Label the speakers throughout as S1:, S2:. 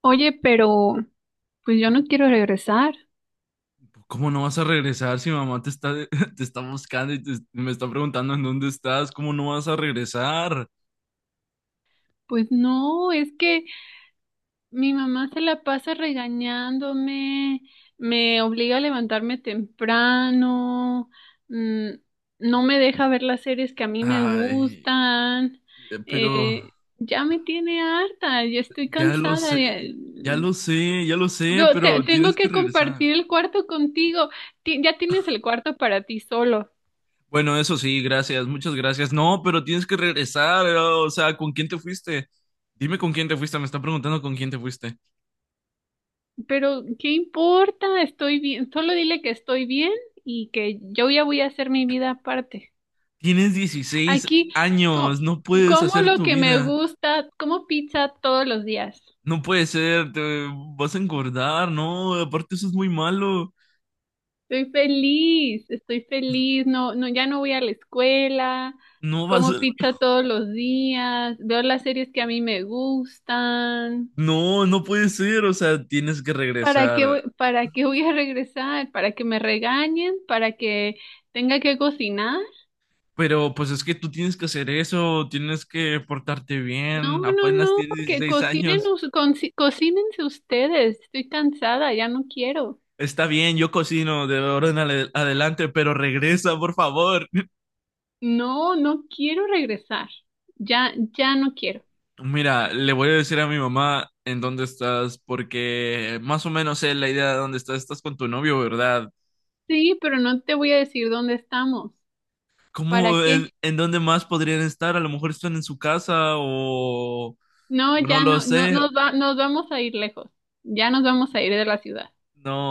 S1: Oye, pero pues yo no quiero regresar.
S2: ¿Cómo no vas a regresar si mamá te está, te está buscando y me está preguntando en dónde estás? ¿Cómo no vas a regresar?
S1: Pues no, es que mi mamá se la pasa regañándome, me obliga a levantarme temprano, mm, no me deja ver las series que a mí me
S2: Ay,
S1: gustan.
S2: pero
S1: Ya me tiene harta, ya estoy
S2: ya lo
S1: cansada.
S2: sé, ya lo sé, ya lo sé, pero
S1: Tengo
S2: tienes que
S1: que
S2: regresar.
S1: compartir el cuarto contigo. Ya tienes el cuarto para ti solo.
S2: Bueno, eso sí, gracias, muchas gracias. No, pero tienes que regresar, o sea, ¿con quién te fuiste? Dime con quién te fuiste, me está preguntando con quién te fuiste.
S1: Pero, ¿qué importa? Estoy bien. Solo dile que estoy bien y que yo ya voy a hacer mi vida aparte.
S2: Tienes 16
S1: Aquí, co-
S2: años, no puedes
S1: como
S2: hacer
S1: lo
S2: tu
S1: que me
S2: vida.
S1: gusta, como pizza todos los días.
S2: No puede ser, te vas a engordar, no, aparte eso es muy malo.
S1: Estoy feliz, estoy feliz. No, no, ya no voy a la escuela.
S2: No vas
S1: Como
S2: a-
S1: pizza todos los días. Veo las series que a mí me gustan.
S2: No, no puede ser, o sea, tienes que
S1: ¿Para qué,
S2: regresar.
S1: para qué voy a regresar? ¿Para que me regañen? ¿Para que tenga que cocinar?
S2: Pero pues es que tú tienes que hacer eso, tienes que portarte
S1: No,
S2: bien,
S1: no,
S2: apenas
S1: no,
S2: tienes
S1: que
S2: 16
S1: cocinen,
S2: años.
S1: cocínense ustedes. Estoy cansada, ya no quiero.
S2: Está bien, yo cocino de ahora en adelante, pero regresa, por favor.
S1: No, no quiero regresar. Ya, ya no quiero.
S2: Mira, le voy a decir a mi mamá en dónde estás, porque más o menos sé la idea de dónde estás. Estás con tu novio, ¿verdad?
S1: Sí, pero no te voy a decir dónde estamos.
S2: ¿Cómo,
S1: ¿Para qué?
S2: en dónde más podrían estar? A lo mejor están en su casa
S1: No,
S2: o no
S1: ya
S2: lo
S1: no, no,
S2: sé.
S1: nos vamos a ir lejos. Ya nos vamos a ir de la ciudad.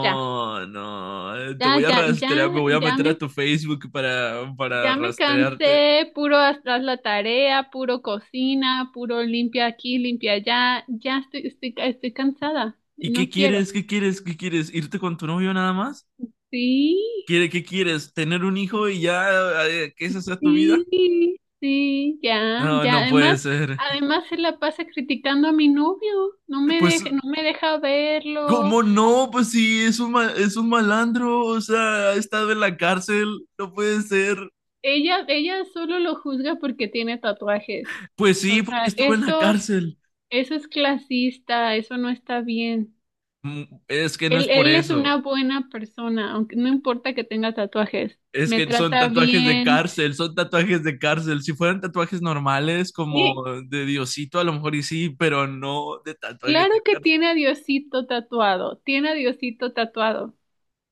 S1: Ya,
S2: no, te voy
S1: ya,
S2: a
S1: ya, ya,
S2: rastrear, me voy a
S1: ya
S2: meter a
S1: me,
S2: tu Facebook para
S1: ya me
S2: rastrearte.
S1: cansé. Puro atrás la tarea, puro cocina, puro limpia aquí, limpia allá. Ya estoy cansada.
S2: ¿Y qué
S1: No quiero.
S2: quieres? ¿Qué quieres? ¿Qué quieres? ¿Irte con tu novio nada más?
S1: Sí,
S2: ¿Quiere, qué quieres? ¿Tener un hijo y ya que esa sea tu vida?
S1: sí, sí, ya,
S2: No,
S1: ya.
S2: no puede ser.
S1: Además se la pasa criticando a mi novio.
S2: Pues,
S1: No me deja verlo.
S2: ¿cómo no? Pues sí, es un malandro, o sea, ha estado en la cárcel, no puede ser.
S1: Ella solo lo juzga porque tiene tatuajes.
S2: Pues
S1: O
S2: sí, porque
S1: sea,
S2: estuvo en la cárcel.
S1: eso es clasista, eso no está bien.
S2: Mm. Es que no es por
S1: Él es
S2: eso.
S1: una buena persona, aunque no importa que tenga tatuajes.
S2: Es
S1: Me
S2: que son
S1: trata
S2: tatuajes de
S1: bien.
S2: cárcel, son tatuajes de cárcel. Si fueran tatuajes normales,
S1: Sí,
S2: como de Diosito, a lo mejor y sí, pero no de tatuajes
S1: claro
S2: de
S1: que
S2: cárcel.
S1: tiene a Diosito tatuado, tiene a Diosito tatuado.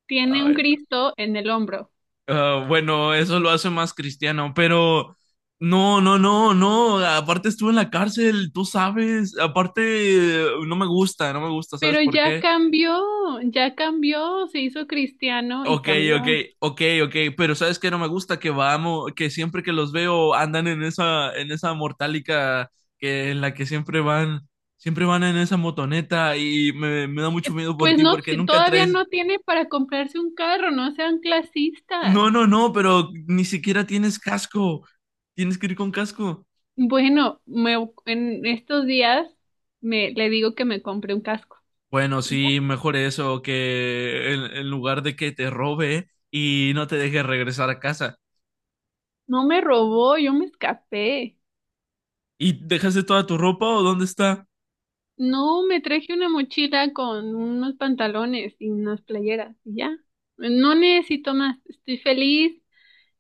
S1: Tiene un
S2: Ay,
S1: Cristo en el hombro.
S2: bueno, eso lo hace más cristiano, pero no, no, no, no. Aparte estuve en la cárcel, tú sabes. Aparte, no me gusta, ¿sabes
S1: Pero
S2: por qué?
S1: ya cambió, se hizo cristiano y
S2: Ok, ok,
S1: cambió.
S2: ok, ok, pero sabes que no me gusta que vamos, que siempre que los veo andan en esa, mortálica que en la que siempre van en esa motoneta y me da mucho miedo por
S1: Pues
S2: ti
S1: no,
S2: porque nunca
S1: todavía
S2: traes.
S1: no tiene para comprarse un carro, no sean clasistas.
S2: No, no, no, pero ni siquiera tienes casco. Tienes que ir con casco.
S1: Bueno, en estos días le digo que me compré un casco.
S2: Bueno,
S1: Y ya,
S2: sí, mejor eso que en lugar de que te robe y no te deje regresar a casa.
S1: no me robó, yo me escapé.
S2: ¿Y dejaste toda tu ropa o dónde está?
S1: No, me traje una mochila con unos pantalones y unas playeras y ya. No necesito más, estoy feliz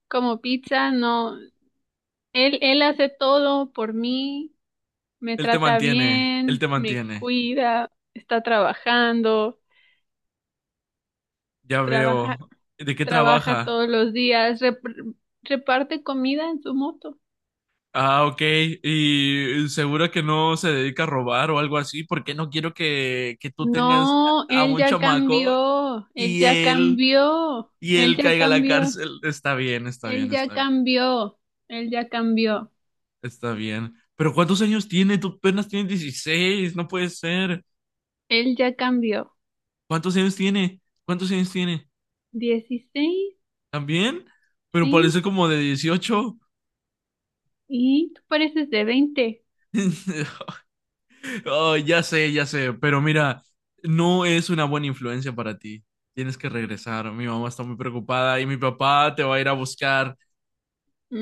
S1: como pizza, no. Él hace todo por mí. Me
S2: Él te
S1: trata
S2: mantiene, él te
S1: bien, me
S2: mantiene.
S1: cuida, está trabajando,
S2: Ya
S1: trabaja,
S2: veo. ¿De qué
S1: trabaja
S2: trabaja?
S1: todos los días, reparte comida en su moto.
S2: Ah, ok. Y seguro que no se dedica a robar o algo así, porque no quiero que tú tengas
S1: No,
S2: a
S1: él
S2: un
S1: ya
S2: chamaco
S1: cambió, él
S2: y
S1: ya
S2: él,
S1: cambió,
S2: y
S1: él
S2: él
S1: ya
S2: caiga a la
S1: cambió,
S2: cárcel. Está bien, está
S1: él
S2: bien,
S1: ya
S2: está bien,
S1: cambió, él ya cambió,
S2: está bien. Pero ¿cuántos años tiene? Tú apenas tienes 16. No puede ser.
S1: él ya cambió.
S2: ¿Cuántos años tiene? ¿Cuántos años tiene?
S1: 16,
S2: ¿También? Pero
S1: sí,
S2: parece como de 18.
S1: y tú pareces de 20.
S2: Oh, ya sé, pero mira, no es una buena influencia para ti. Tienes que regresar. Mi mamá está muy preocupada y mi papá te va a ir a buscar.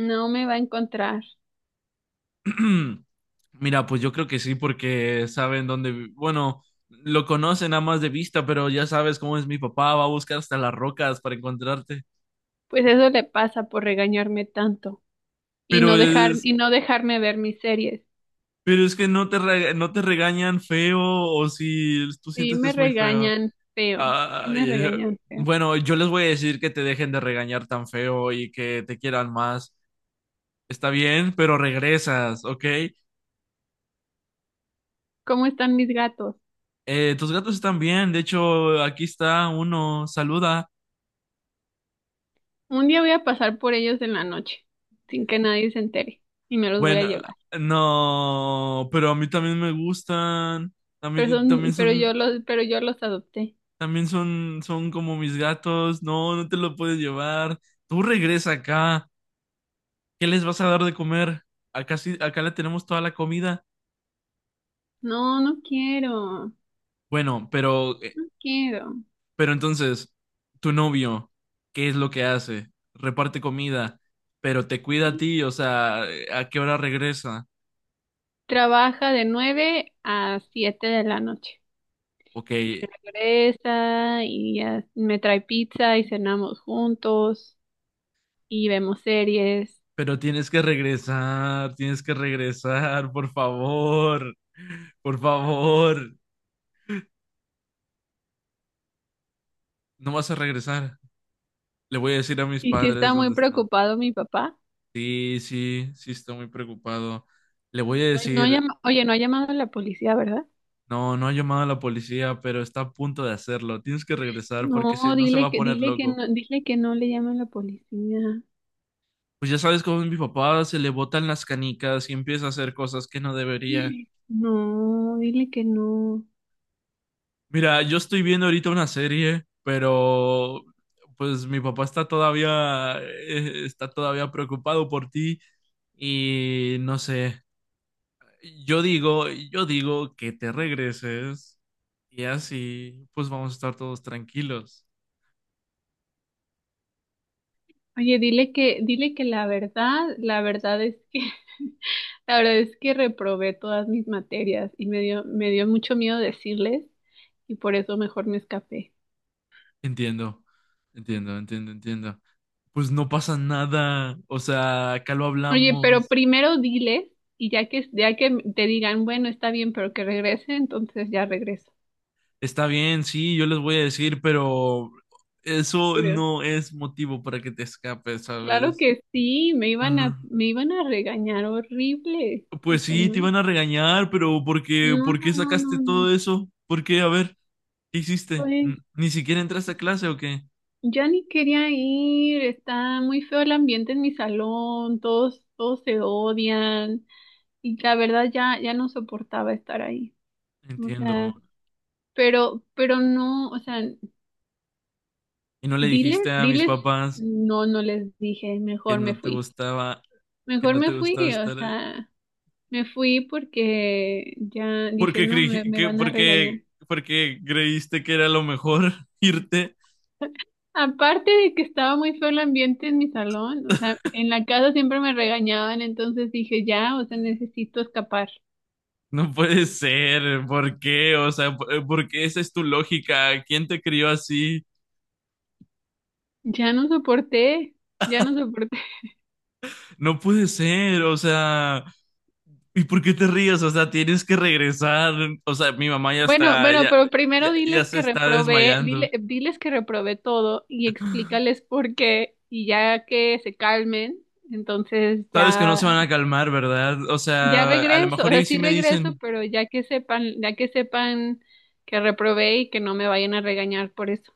S1: No me va a encontrar.
S2: Mira, pues yo creo que sí, porque saben dónde, bueno, lo conocen nada más de vista, pero ya sabes cómo es mi papá, va a buscar hasta las rocas para encontrarte.
S1: Pues eso le pasa por regañarme tanto
S2: Pero es,
S1: y no dejarme ver mis series.
S2: pero es que no te, no te regañan feo o si tú
S1: Sí
S2: sientes que
S1: me
S2: es muy feo.
S1: regañan feo, sí
S2: Ay,
S1: me regañan feo.
S2: bueno, yo les voy a decir que te dejen de regañar tan feo y que te quieran más. Está bien, pero regresas, ¿ok?
S1: ¿Cómo están mis gatos?
S2: Tus gatos están bien. De hecho, aquí está uno. Saluda.
S1: Un día voy a pasar por ellos en la noche, sin que nadie se entere, y me los voy a
S2: Bueno,
S1: llevar.
S2: no, pero a mí también me gustan. También, también son,
S1: Pero yo los adopté.
S2: también son, son como mis gatos. No, no te lo puedes llevar. Tú regresa acá. ¿Qué les vas a dar de comer? Acá sí, acá le tenemos toda la comida.
S1: No, no quiero, no
S2: Bueno, pero eh,
S1: quiero.
S2: Pero entonces, tu novio, ¿qué es lo que hace? Reparte comida, pero te cuida a ti, o sea, ¿a qué hora regresa?
S1: Trabaja de 9 a 7 de la noche.
S2: Ok,
S1: Y regresa y ya me trae pizza y cenamos juntos y vemos series.
S2: pero tienes que regresar, por favor, no vas a regresar. Le voy a decir a mis
S1: Y sí
S2: padres
S1: está
S2: dónde
S1: muy
S2: están.
S1: preocupado mi papá.
S2: Sí, sí, sí, estoy muy preocupado. Le voy a
S1: No,
S2: decir,
S1: oye, no ha llamado a la policía, ¿verdad?
S2: no, no ha llamado a la policía, pero está a punto de hacerlo. Tienes que regresar porque si
S1: No,
S2: no se va a poner
S1: dile que
S2: loco.
S1: no, dile que no le llaman a la policía.
S2: Pues ya sabes cómo es mi papá, se le botan las canicas y empieza a hacer cosas que no debería.
S1: No, dile que no.
S2: Mira, yo estoy viendo ahorita una serie, pero pues mi papá está todavía preocupado por ti y no sé. Yo digo que te regreses y así pues vamos a estar todos tranquilos.
S1: Oye, dile que la verdad es que, la verdad es que reprobé todas mis materias y me dio mucho miedo decirles y por eso mejor me escapé.
S2: Entiendo. Entiendo, entiendo, entiendo. Pues no pasa nada, o sea, acá lo
S1: Oye, pero
S2: hablamos.
S1: primero diles y ya que te digan, bueno, está bien, pero que regrese, entonces ya regreso.
S2: Está bien, sí, yo les voy a decir, pero eso no es motivo para que te escapes,
S1: Claro
S2: ¿sabes?
S1: que sí,
S2: No.
S1: me iban a regañar horrible. O
S2: Pues
S1: sea,
S2: sí,
S1: no,
S2: te iban a regañar, pero ¿por qué,
S1: no,
S2: por
S1: no,
S2: qué
S1: no, no,
S2: sacaste
S1: no.
S2: todo eso? ¿Por qué? A ver, ¿qué hiciste?
S1: Pues
S2: ¿Ni siquiera entraste a clase o qué?
S1: ya ni quería ir, está muy feo el ambiente en mi salón, todos se odian y la verdad ya no soportaba estar ahí. O
S2: Entiendo.
S1: sea, pero no, o sea,
S2: ¿Y no le dijiste a mis
S1: diles,
S2: papás
S1: no, no les dije,
S2: que
S1: mejor me
S2: no te
S1: fui.
S2: gustaba, que
S1: Mejor
S2: no
S1: me
S2: te
S1: fui,
S2: gustaba
S1: o
S2: estar ahí?
S1: sea, me fui porque ya
S2: ¿Por
S1: dije,
S2: qué
S1: no,
S2: creí,
S1: me
S2: que,
S1: van a
S2: por qué,
S1: regañar.
S2: por qué creíste que era lo mejor irte?
S1: Aparte de que estaba muy feo el ambiente en mi salón, o sea, en la casa siempre me regañaban, entonces dije, ya, o sea, necesito escapar.
S2: No puede ser, ¿por qué? O sea, ¿por qué esa es tu lógica? ¿Quién te crió así?
S1: Ya no soporté, ya no soporté.
S2: No puede ser, o sea, ¿y por qué te ríes? O sea, tienes que regresar. O sea, mi mamá ya
S1: Bueno,
S2: está,
S1: bueno,
S2: ya,
S1: pero
S2: ya,
S1: primero
S2: ya
S1: diles
S2: se
S1: que
S2: está
S1: reprobé,
S2: desmayando.
S1: diles que reprobé todo y explícales por qué y ya que se calmen, entonces
S2: Sabes que no
S1: ya,
S2: se van a calmar, ¿verdad? O
S1: ya
S2: sea, a lo
S1: regreso, o
S2: mejor
S1: sea,
S2: y sí
S1: sí
S2: me
S1: regreso,
S2: dicen,
S1: pero ya que sepan que reprobé y que no me vayan a regañar por eso.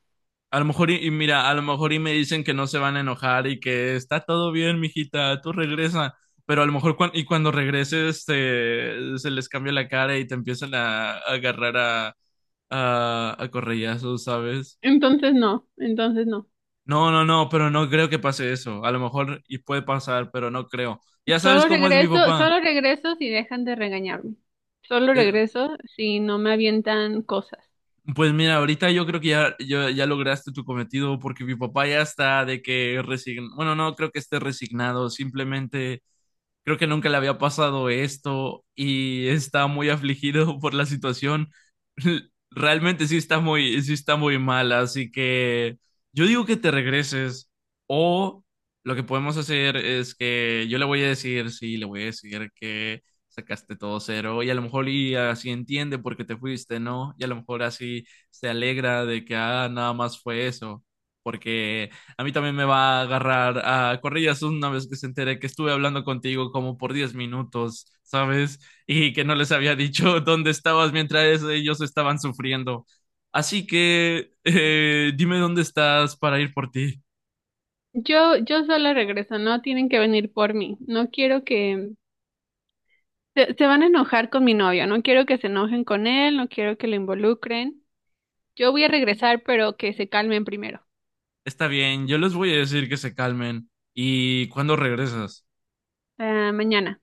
S2: a lo mejor, y mira, a lo mejor y me dicen que no se van a enojar y que está todo bien, mijita, tú regresa. Pero a lo mejor, y cuando regreses, se les cambia la cara y te empiezan a, agarrar a, a correllazos, ¿sabes?
S1: Entonces no, entonces no.
S2: No, no, no, pero no creo que pase eso. A lo mejor, y puede pasar, pero no creo. Ya sabes cómo es mi papá.
S1: Solo regreso si dejan de regañarme. Solo
S2: Eh,
S1: regreso si no me avientan cosas.
S2: Pues mira, ahorita yo creo que ya, ya lograste tu cometido porque mi papá ya está de que resign. Bueno, no creo que esté resignado, simplemente creo que nunca le había pasado esto y está muy afligido por la situación. Realmente sí está muy mal, así que yo digo que te regreses o lo que podemos hacer es que yo le voy a decir, sí, le voy a decir que sacaste todo cero y a lo mejor y así entiende por qué te fuiste, ¿no? Y a lo mejor así se alegra de que ah, nada más fue eso, porque a mí también me va a agarrar a corrillas una vez que se entere que estuve hablando contigo como por 10 minutos, ¿sabes? Y que no les había dicho dónde estabas mientras ellos estaban sufriendo. Así que dime dónde estás para ir por ti.
S1: Yo solo regreso, no tienen que venir por mí. No quiero que se van a enojar con mi novio, no quiero que se enojen con él, no quiero que lo involucren. Yo voy a regresar, pero que se calmen primero.
S2: Está bien, yo les voy a decir que se calmen. ¿Y cuándo regresas?
S1: Ah, mañana.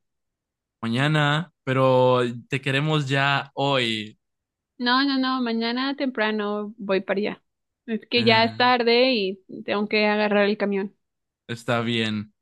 S2: Mañana, pero te queremos ya hoy.
S1: No, no, no, mañana temprano voy para allá. Es que ya es
S2: Eh,
S1: tarde y tengo que agarrar el camión.
S2: está bien.